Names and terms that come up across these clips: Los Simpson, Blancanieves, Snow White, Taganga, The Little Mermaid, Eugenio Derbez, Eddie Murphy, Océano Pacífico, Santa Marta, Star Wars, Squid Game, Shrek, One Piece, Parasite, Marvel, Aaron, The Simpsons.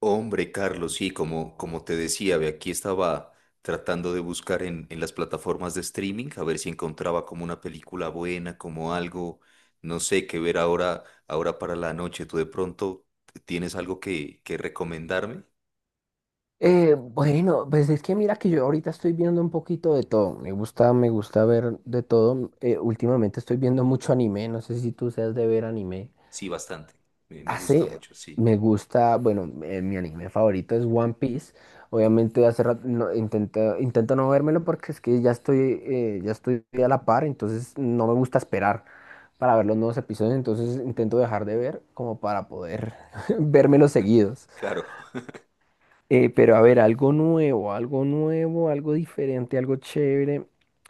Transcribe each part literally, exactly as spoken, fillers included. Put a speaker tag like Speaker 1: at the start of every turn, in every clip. Speaker 1: Hombre, Carlos, sí, como, como te decía, ve, aquí estaba tratando de buscar en, en las plataformas de streaming a ver si encontraba como una película buena, como algo, no sé, qué ver ahora, ahora para la noche. ¿Tú de pronto tienes algo que, que recomendarme?
Speaker 2: Eh, bueno, pues es que mira que yo ahorita estoy viendo un poquito de todo. Me gusta, me gusta ver de todo. Eh, últimamente estoy viendo mucho anime. No sé si tú seas de ver anime.
Speaker 1: Sí, bastante. Me, me gusta
Speaker 2: Hace,
Speaker 1: mucho, sí.
Speaker 2: me gusta, bueno, eh, mi anime favorito es One Piece. Obviamente hace rato no, intento, intento no vérmelo porque es que ya estoy, eh, ya estoy a la par, entonces no me gusta esperar para ver los nuevos episodios. Entonces intento dejar de ver como para poder vérmelos seguidos.
Speaker 1: Claro.
Speaker 2: Eh, pero a ver, algo nuevo, algo nuevo, algo diferente, algo chévere.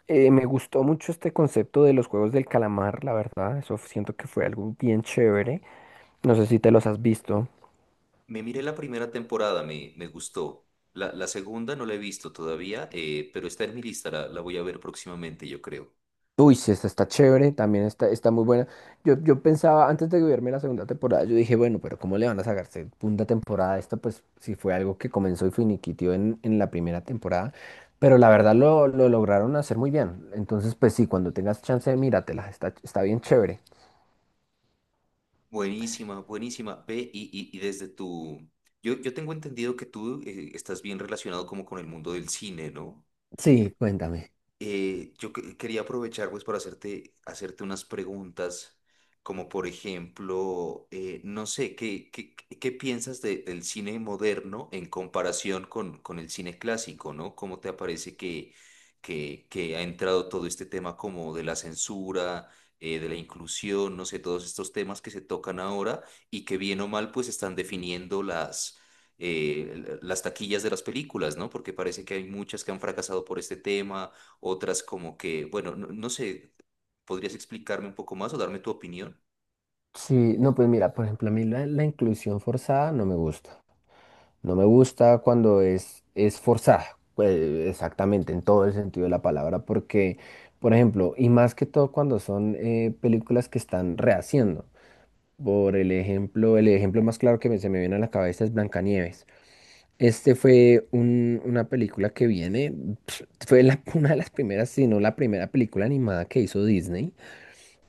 Speaker 2: Eh, me gustó mucho este concepto de los juegos del calamar, la verdad. Eso siento que fue algo bien chévere. No sé si te los has visto.
Speaker 1: Me miré la primera temporada, me, me gustó. La, la segunda no la he visto todavía, eh, pero está en mi lista, la, la voy a ver próximamente, yo creo.
Speaker 2: Uy, sí, esta está chévere, también está, está muy buena. Yo, yo pensaba, antes de verme la segunda temporada, yo dije, bueno, pero ¿cómo le van a sacar segunda temporada a esta? Pues si fue algo que comenzó y finiquitió en, en la primera temporada. Pero la verdad lo, lo lograron hacer muy bien. Entonces, pues sí, cuando tengas chance, míratela, está, está bien chévere.
Speaker 1: Buenísima, buenísima. Ve, y, y, y desde tu... Yo, yo tengo entendido que tú eh, estás bien relacionado como con el mundo del cine, ¿no?
Speaker 2: Sí, cuéntame.
Speaker 1: Eh, yo que- quería aprovechar pues para hacerte, hacerte unas preguntas, como por ejemplo, eh, no sé, ¿qué, qué, qué- qué piensas de- del cine moderno en comparación con, con el cine clásico, ¿no? ¿Cómo te parece que, que, que ha entrado todo este tema como de la censura, eh, de la inclusión, no sé, todos estos temas que se tocan ahora y que bien o mal pues están definiendo las eh, las taquillas de las películas, ¿no? Porque parece que hay muchas que han fracasado por este tema, otras como que, bueno, no, no sé, ¿podrías explicarme un poco más o darme tu opinión?
Speaker 2: Sí, no, pues mira, por ejemplo, a mí la, la inclusión forzada no me gusta. No me gusta cuando es, es forzada, pues, exactamente, en todo el sentido de la palabra, porque, por ejemplo, y más que todo cuando son eh, películas que están rehaciendo. Por el ejemplo, el ejemplo más claro que me- se me viene a la cabeza es Blancanieves. Este fue un- una película que viene, pf, fue la- una de las primeras, si no la primera película animada que hizo Disney.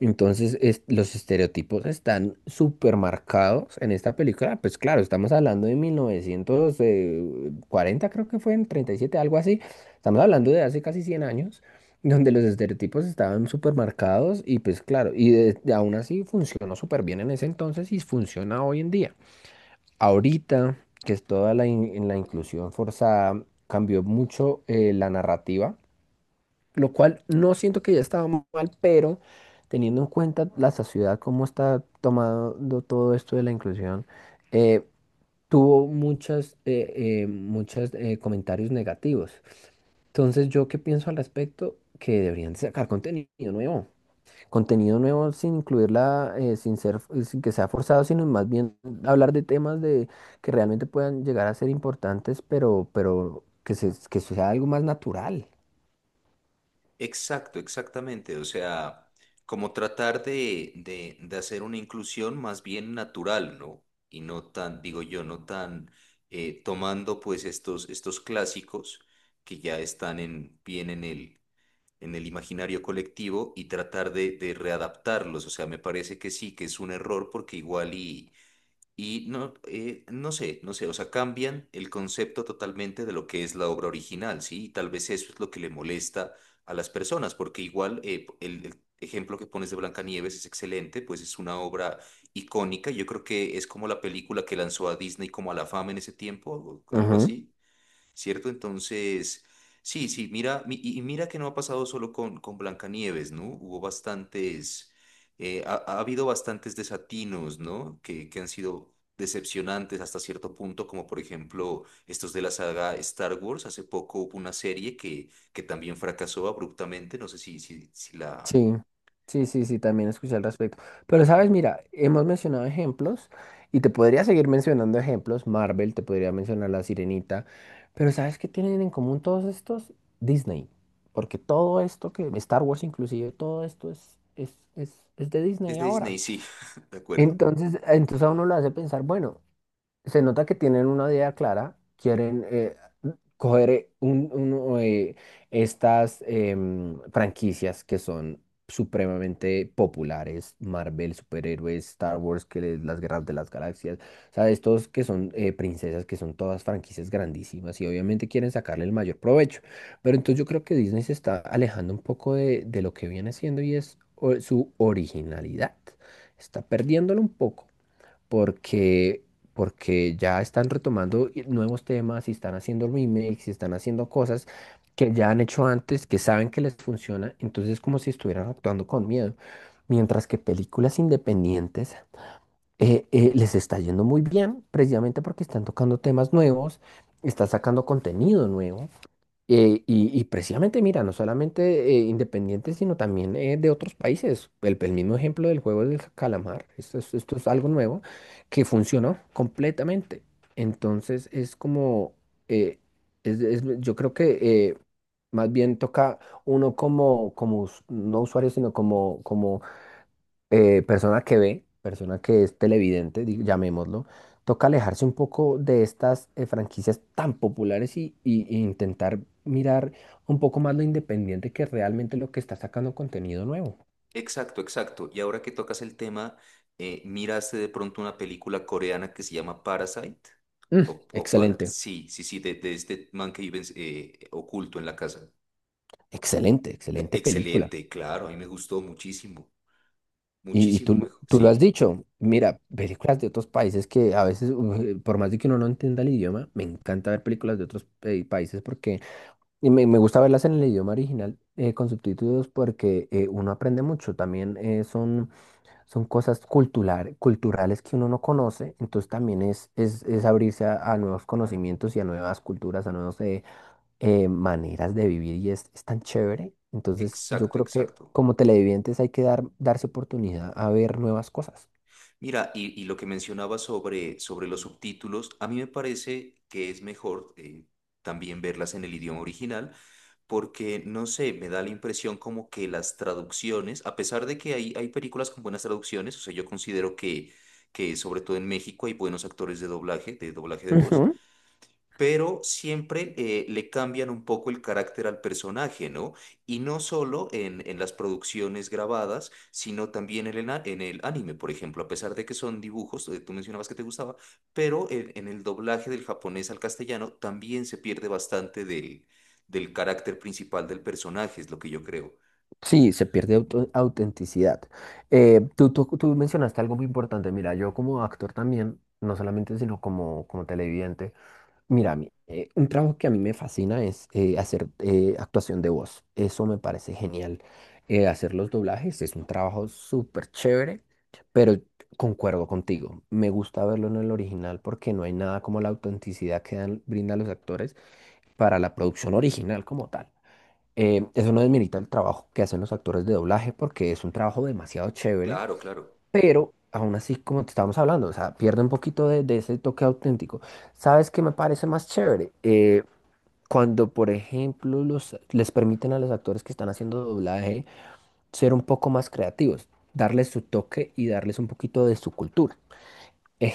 Speaker 2: Entonces, es- los estereotipos están súper marcados en esta película. Pues claro, estamos hablando de mil novecientos eh, cuarenta, creo que fue en treinta y siete, algo así. Estamos hablando de hace casi cien años, donde los estereotipos estaban súper marcados y pues claro, y de- de- aún así funcionó súper bien en ese entonces y funciona hoy en día. Ahorita, que es toda la, in- la inclusión forzada, cambió mucho eh, la narrativa, lo cual no siento que ya estaba mal, pero teniendo en cuenta la sociedad, cómo está tomando todo esto de la inclusión, eh, tuvo muchas, eh, eh, muchos eh, comentarios negativos. Entonces, ¿yo qué pienso al respecto? Que deberían de sacar contenido nuevo. Contenido nuevo sin incluirla, eh, sin ser, sin que sea forzado, sino más bien hablar de temas de, que realmente puedan llegar a ser importantes, pero, pero que, se, que sea algo más natural.
Speaker 1: Exacto, exactamente, o sea, como tratar de, de, de hacer una inclusión más bien natural, ¿no? Y no tan, digo yo, no tan eh, tomando pues estos, estos clásicos que ya están en, bien en el, en el imaginario colectivo y tratar de, de readaptarlos, o sea, me parece que sí, que es un error porque igual. y Y no, eh, no sé, no sé, o sea, cambian el concepto totalmente de lo que es la obra original, ¿sí? Y tal vez eso es lo que le molesta a las personas, porque igual eh, el, el ejemplo que pones de Blancanieves es excelente, pues es una obra icónica, yo creo que es como la película que lanzó a Disney como a la fama en ese tiempo, o algo así. ¿Cierto? Entonces, sí, sí, mira, mi- y y mira que no ha pasado solo con, con Blancanieves, ¿no? Hubo bastantes, eh, ha, ha habido bastantes desatinos, ¿no? Que, que han sido decepcionantes hasta cierto punto, como por ejemplo estos de la saga Star Wars. Hace poco hubo una serie que, que también fracasó abruptamente, no sé si, si, si la...
Speaker 2: Sí, sí, sí, sí, también escuché al respecto. Pero sabes, mira, hemos mencionado ejemplos y te podría seguir mencionando ejemplos. Marvel, te podría mencionar La Sirenita. Pero ¿sabes qué tienen en común todos estos? Disney. Porque todo esto que, Star Wars inclusive, todo esto es, es, es, es de
Speaker 1: Es
Speaker 2: Disney
Speaker 1: de
Speaker 2: ahora.
Speaker 1: Disney, sí, de acuerdo.
Speaker 2: Entonces, entonces a uno lo hace pensar, bueno, se nota que tienen una idea clara, quieren, eh, coger un, un, eh, estas em, franquicias que son supremamente populares, Marvel, superhéroes, Star Wars, que les- las guerras de las galaxias, o sea, estos que son eh, princesas, que son todas franquicias grandísimas y obviamente quieren sacarle el mayor provecho. Pero entonces yo creo que Disney se está alejando un poco de, de lo que viene siendo y es o- su originalidad. Está perdiéndolo un poco porque, porque ya están retomando i- nuevos temas y están haciendo remakes y están haciendo cosas que ya han hecho antes, que saben que les funciona, entonces es como si estuvieran actuando con miedo. Mientras que películas independientes eh, eh, les está yendo muy bien, precisamente porque están tocando temas nuevos, están sacando contenido nuevo. Eh, y, y precisamente, mira, no solamente eh, independientes, sino también eh, de otros países. El, el mismo ejemplo del juego del calamar. Esto es, esto es algo nuevo que funcionó completamente. Entonces es como, eh, es- es- yo creo que eh, más bien toca uno como, como us- no usuario, sino como, como eh, persona que ve, persona que es televidente, di- llamémoslo, toca alejarse un poco de estas eh, franquicias tan populares y, y- e intentar mirar un poco más lo independiente, que realmente lo que está sacando contenido nuevo.
Speaker 1: Exacto, exacto. Y ahora que tocas el tema, eh, ¿miraste de pronto una película coreana que se llama Parasite?
Speaker 2: Mm,
Speaker 1: O, o para...
Speaker 2: excelente,
Speaker 1: Sí, sí, sí, de, de este man que vive en- eh, oculto en la casa.
Speaker 2: excelente, excelente película.
Speaker 1: Excelente, claro, a mí me gustó muchísimo,
Speaker 2: Y, y
Speaker 1: muchísimo
Speaker 2: tú,
Speaker 1: mejor.
Speaker 2: tú lo has
Speaker 1: Sí,
Speaker 2: dicho, mira, películas de otros países que a veces, uh, por más de que uno no entienda el idioma, me encanta ver películas de otros eh, países porque. Y me, me gusta verlas en el idioma original eh, con subtítulos porque eh, uno aprende mucho. También eh, son, son cosas cultural- culturales que uno no conoce. Entonces también es, es, es abrirse a, a nuevos conocimientos y a nuevas culturas, a nuevas eh, eh, maneras de vivir. Y es, es tan chévere. Entonces yo
Speaker 1: exacto,
Speaker 2: creo que
Speaker 1: exacto.
Speaker 2: como televidentes hay que dar, darse oportunidad a ver nuevas cosas.
Speaker 1: Mira, y, y lo que mencionaba sobre, sobre los subtítulos, a mí me parece que es mejor eh, también verlas en el idioma original porque no sé, me da la impresión como que las traducciones, a pesar de que hay, hay películas con buenas traducciones, o sea, yo considero que, que sobre todo en México hay buenos actores de doblaje, de doblaje de voz,
Speaker 2: Ujú.
Speaker 1: pero siempre eh, le cambian un poco el carácter al personaje, ¿no? Y no solo en, en las producciones grabadas, sino también en el, ana- en el anime, por ejemplo, a pesar de que son dibujos, eh, tú mencionabas que te gustaba, pero en, en el doblaje del japonés al castellano también se pierde bastante del, del carácter principal del personaje, es lo que yo creo.
Speaker 2: Sí, se pierde auto- autenticidad. Eh, tú, tú, tú mencionaste algo muy importante. Mira, yo como actor también, no solamente, sino como, como televidente. Mira, a mí, eh, un trabajo que a mí me fascina es eh, hacer eh, actuación de voz. Eso me parece genial. Eh, hacer los doblajes es un trabajo súper chévere, pero concuerdo contigo. Me gusta verlo en el original porque no hay nada como la autenticidad que dan, brindan los actores para la producción original como tal. Eh, eso no desmerita el trabajo que hacen los actores de doblaje porque es un trabajo demasiado chévere,
Speaker 1: Claro, claro.
Speaker 2: pero aún así, como te estábamos hablando, o sea, pierde un poquito de, de ese toque auténtico. ¿Sabes qué me parece más chévere? Eh, cuando, por ejemplo, los, les permiten a los actores que están haciendo doblaje ser un poco más creativos, darles su toque y darles un poquito de su cultura.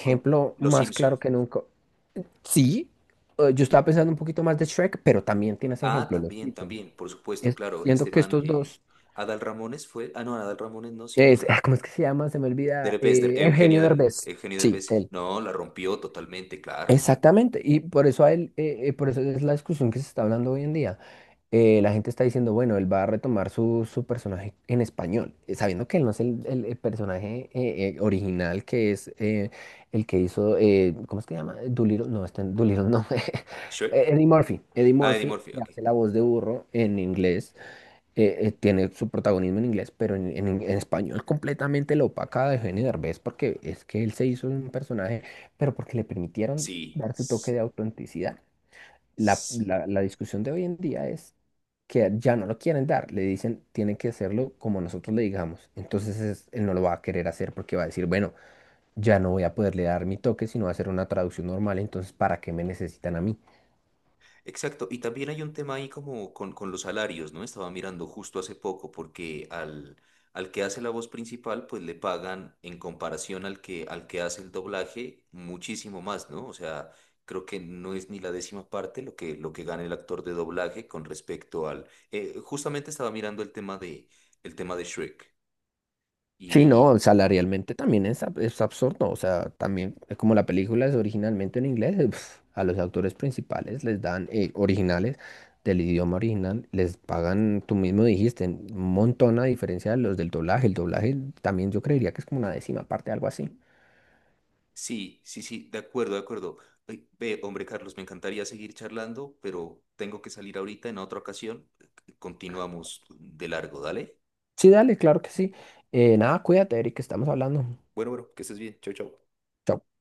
Speaker 1: Como Los
Speaker 2: más claro
Speaker 1: Simpson.
Speaker 2: que nunca. Sí, eh, yo estaba pensando un poquito más de Shrek, pero también tienes
Speaker 1: Ah,
Speaker 2: ejemplo, los
Speaker 1: también,
Speaker 2: Simpsons.
Speaker 1: también, por supuesto,
Speaker 2: Es-
Speaker 1: claro. Este
Speaker 2: siento que
Speaker 1: man,
Speaker 2: estos
Speaker 1: eh,
Speaker 2: dos...
Speaker 1: Adal Ramones fue, ah, no, Adal Ramones no, sino
Speaker 2: Es,
Speaker 1: el
Speaker 2: ah, ¿cómo es que se llama? Se me olvida.
Speaker 1: Derbez, Der-
Speaker 2: Eh,
Speaker 1: Eugenio,
Speaker 2: Eugenio
Speaker 1: Der-
Speaker 2: Derbez.
Speaker 1: Eugenio
Speaker 2: Sí,
Speaker 1: Derbez.
Speaker 2: él.
Speaker 1: No, la rompió totalmente, claro.
Speaker 2: Exactamente. Y por eso a él, eh, eh, por eso es la discusión que se está hablando hoy en día. Eh, la gente está diciendo, bueno, él va a retomar su, su personaje en español, eh, sabiendo que él no es el, el- el personaje eh, eh, original, que es eh, el que hizo, eh, ¿cómo es que se llama? Doolittle, no, este, Doolittle, no,
Speaker 1: Shrek.
Speaker 2: Eddie Murphy, Eddie
Speaker 1: Ah, Eddie
Speaker 2: Murphy,
Speaker 1: Murphy,
Speaker 2: que
Speaker 1: ok.
Speaker 2: hace la voz de burro en inglés. eh, eh, tiene su protagonismo en inglés, pero en, en- en español completamente lo opaca de Eugenio Derbez, porque es que él se hizo un personaje, pero porque le permitieron
Speaker 1: Sí.
Speaker 2: dar su toque
Speaker 1: s-
Speaker 2: de autenticidad. La,
Speaker 1: s-
Speaker 2: la- la discusión de hoy en día es que ya no lo quieren dar, le dicen, tienen que hacerlo como nosotros le digamos. Entonces es- él no lo va a querer hacer porque va a decir, bueno, ya no voy a poderle dar mi toque, sino va a hacer una traducción normal, entonces ¿para qué me necesitan a mí?
Speaker 1: Exacto. Y también hay un tema ahí como con, con los salarios, ¿no? Estaba mirando justo hace poco porque al, al que hace la voz principal, pues le pagan en comparación al que, al que hace el doblaje muchísimo más, ¿no? O sea, creo que no es ni la décima parte lo que, lo que gana el actor de doblaje con respecto al... eh, justamente estaba mirando el tema de, el tema de Shrek. Y,
Speaker 2: Sí, no,
Speaker 1: y-
Speaker 2: salarialmente también es, ab- es absurdo, o sea, también eh, como la película es originalmente en inglés, eh, pf, a los autores principales les dan eh, originales del idioma original, les pagan, tú mismo dijiste, un montón a diferencia de los del doblaje, el doblaje también yo creería que es como una décima parte, algo así.
Speaker 1: sí, sí, sí, de acuerdo, de acuerdo. Ay, ve, hombre, Carlos, me encantaría seguir charlando, pero tengo que salir ahorita en otra ocasión. Continuamos de largo, dale.
Speaker 2: Sí, dale, claro que sí. Eh, nada, cuídate, Eric, estamos hablando.
Speaker 1: Bueno, bueno, que estés bien. Chau, chau.
Speaker 2: Chao.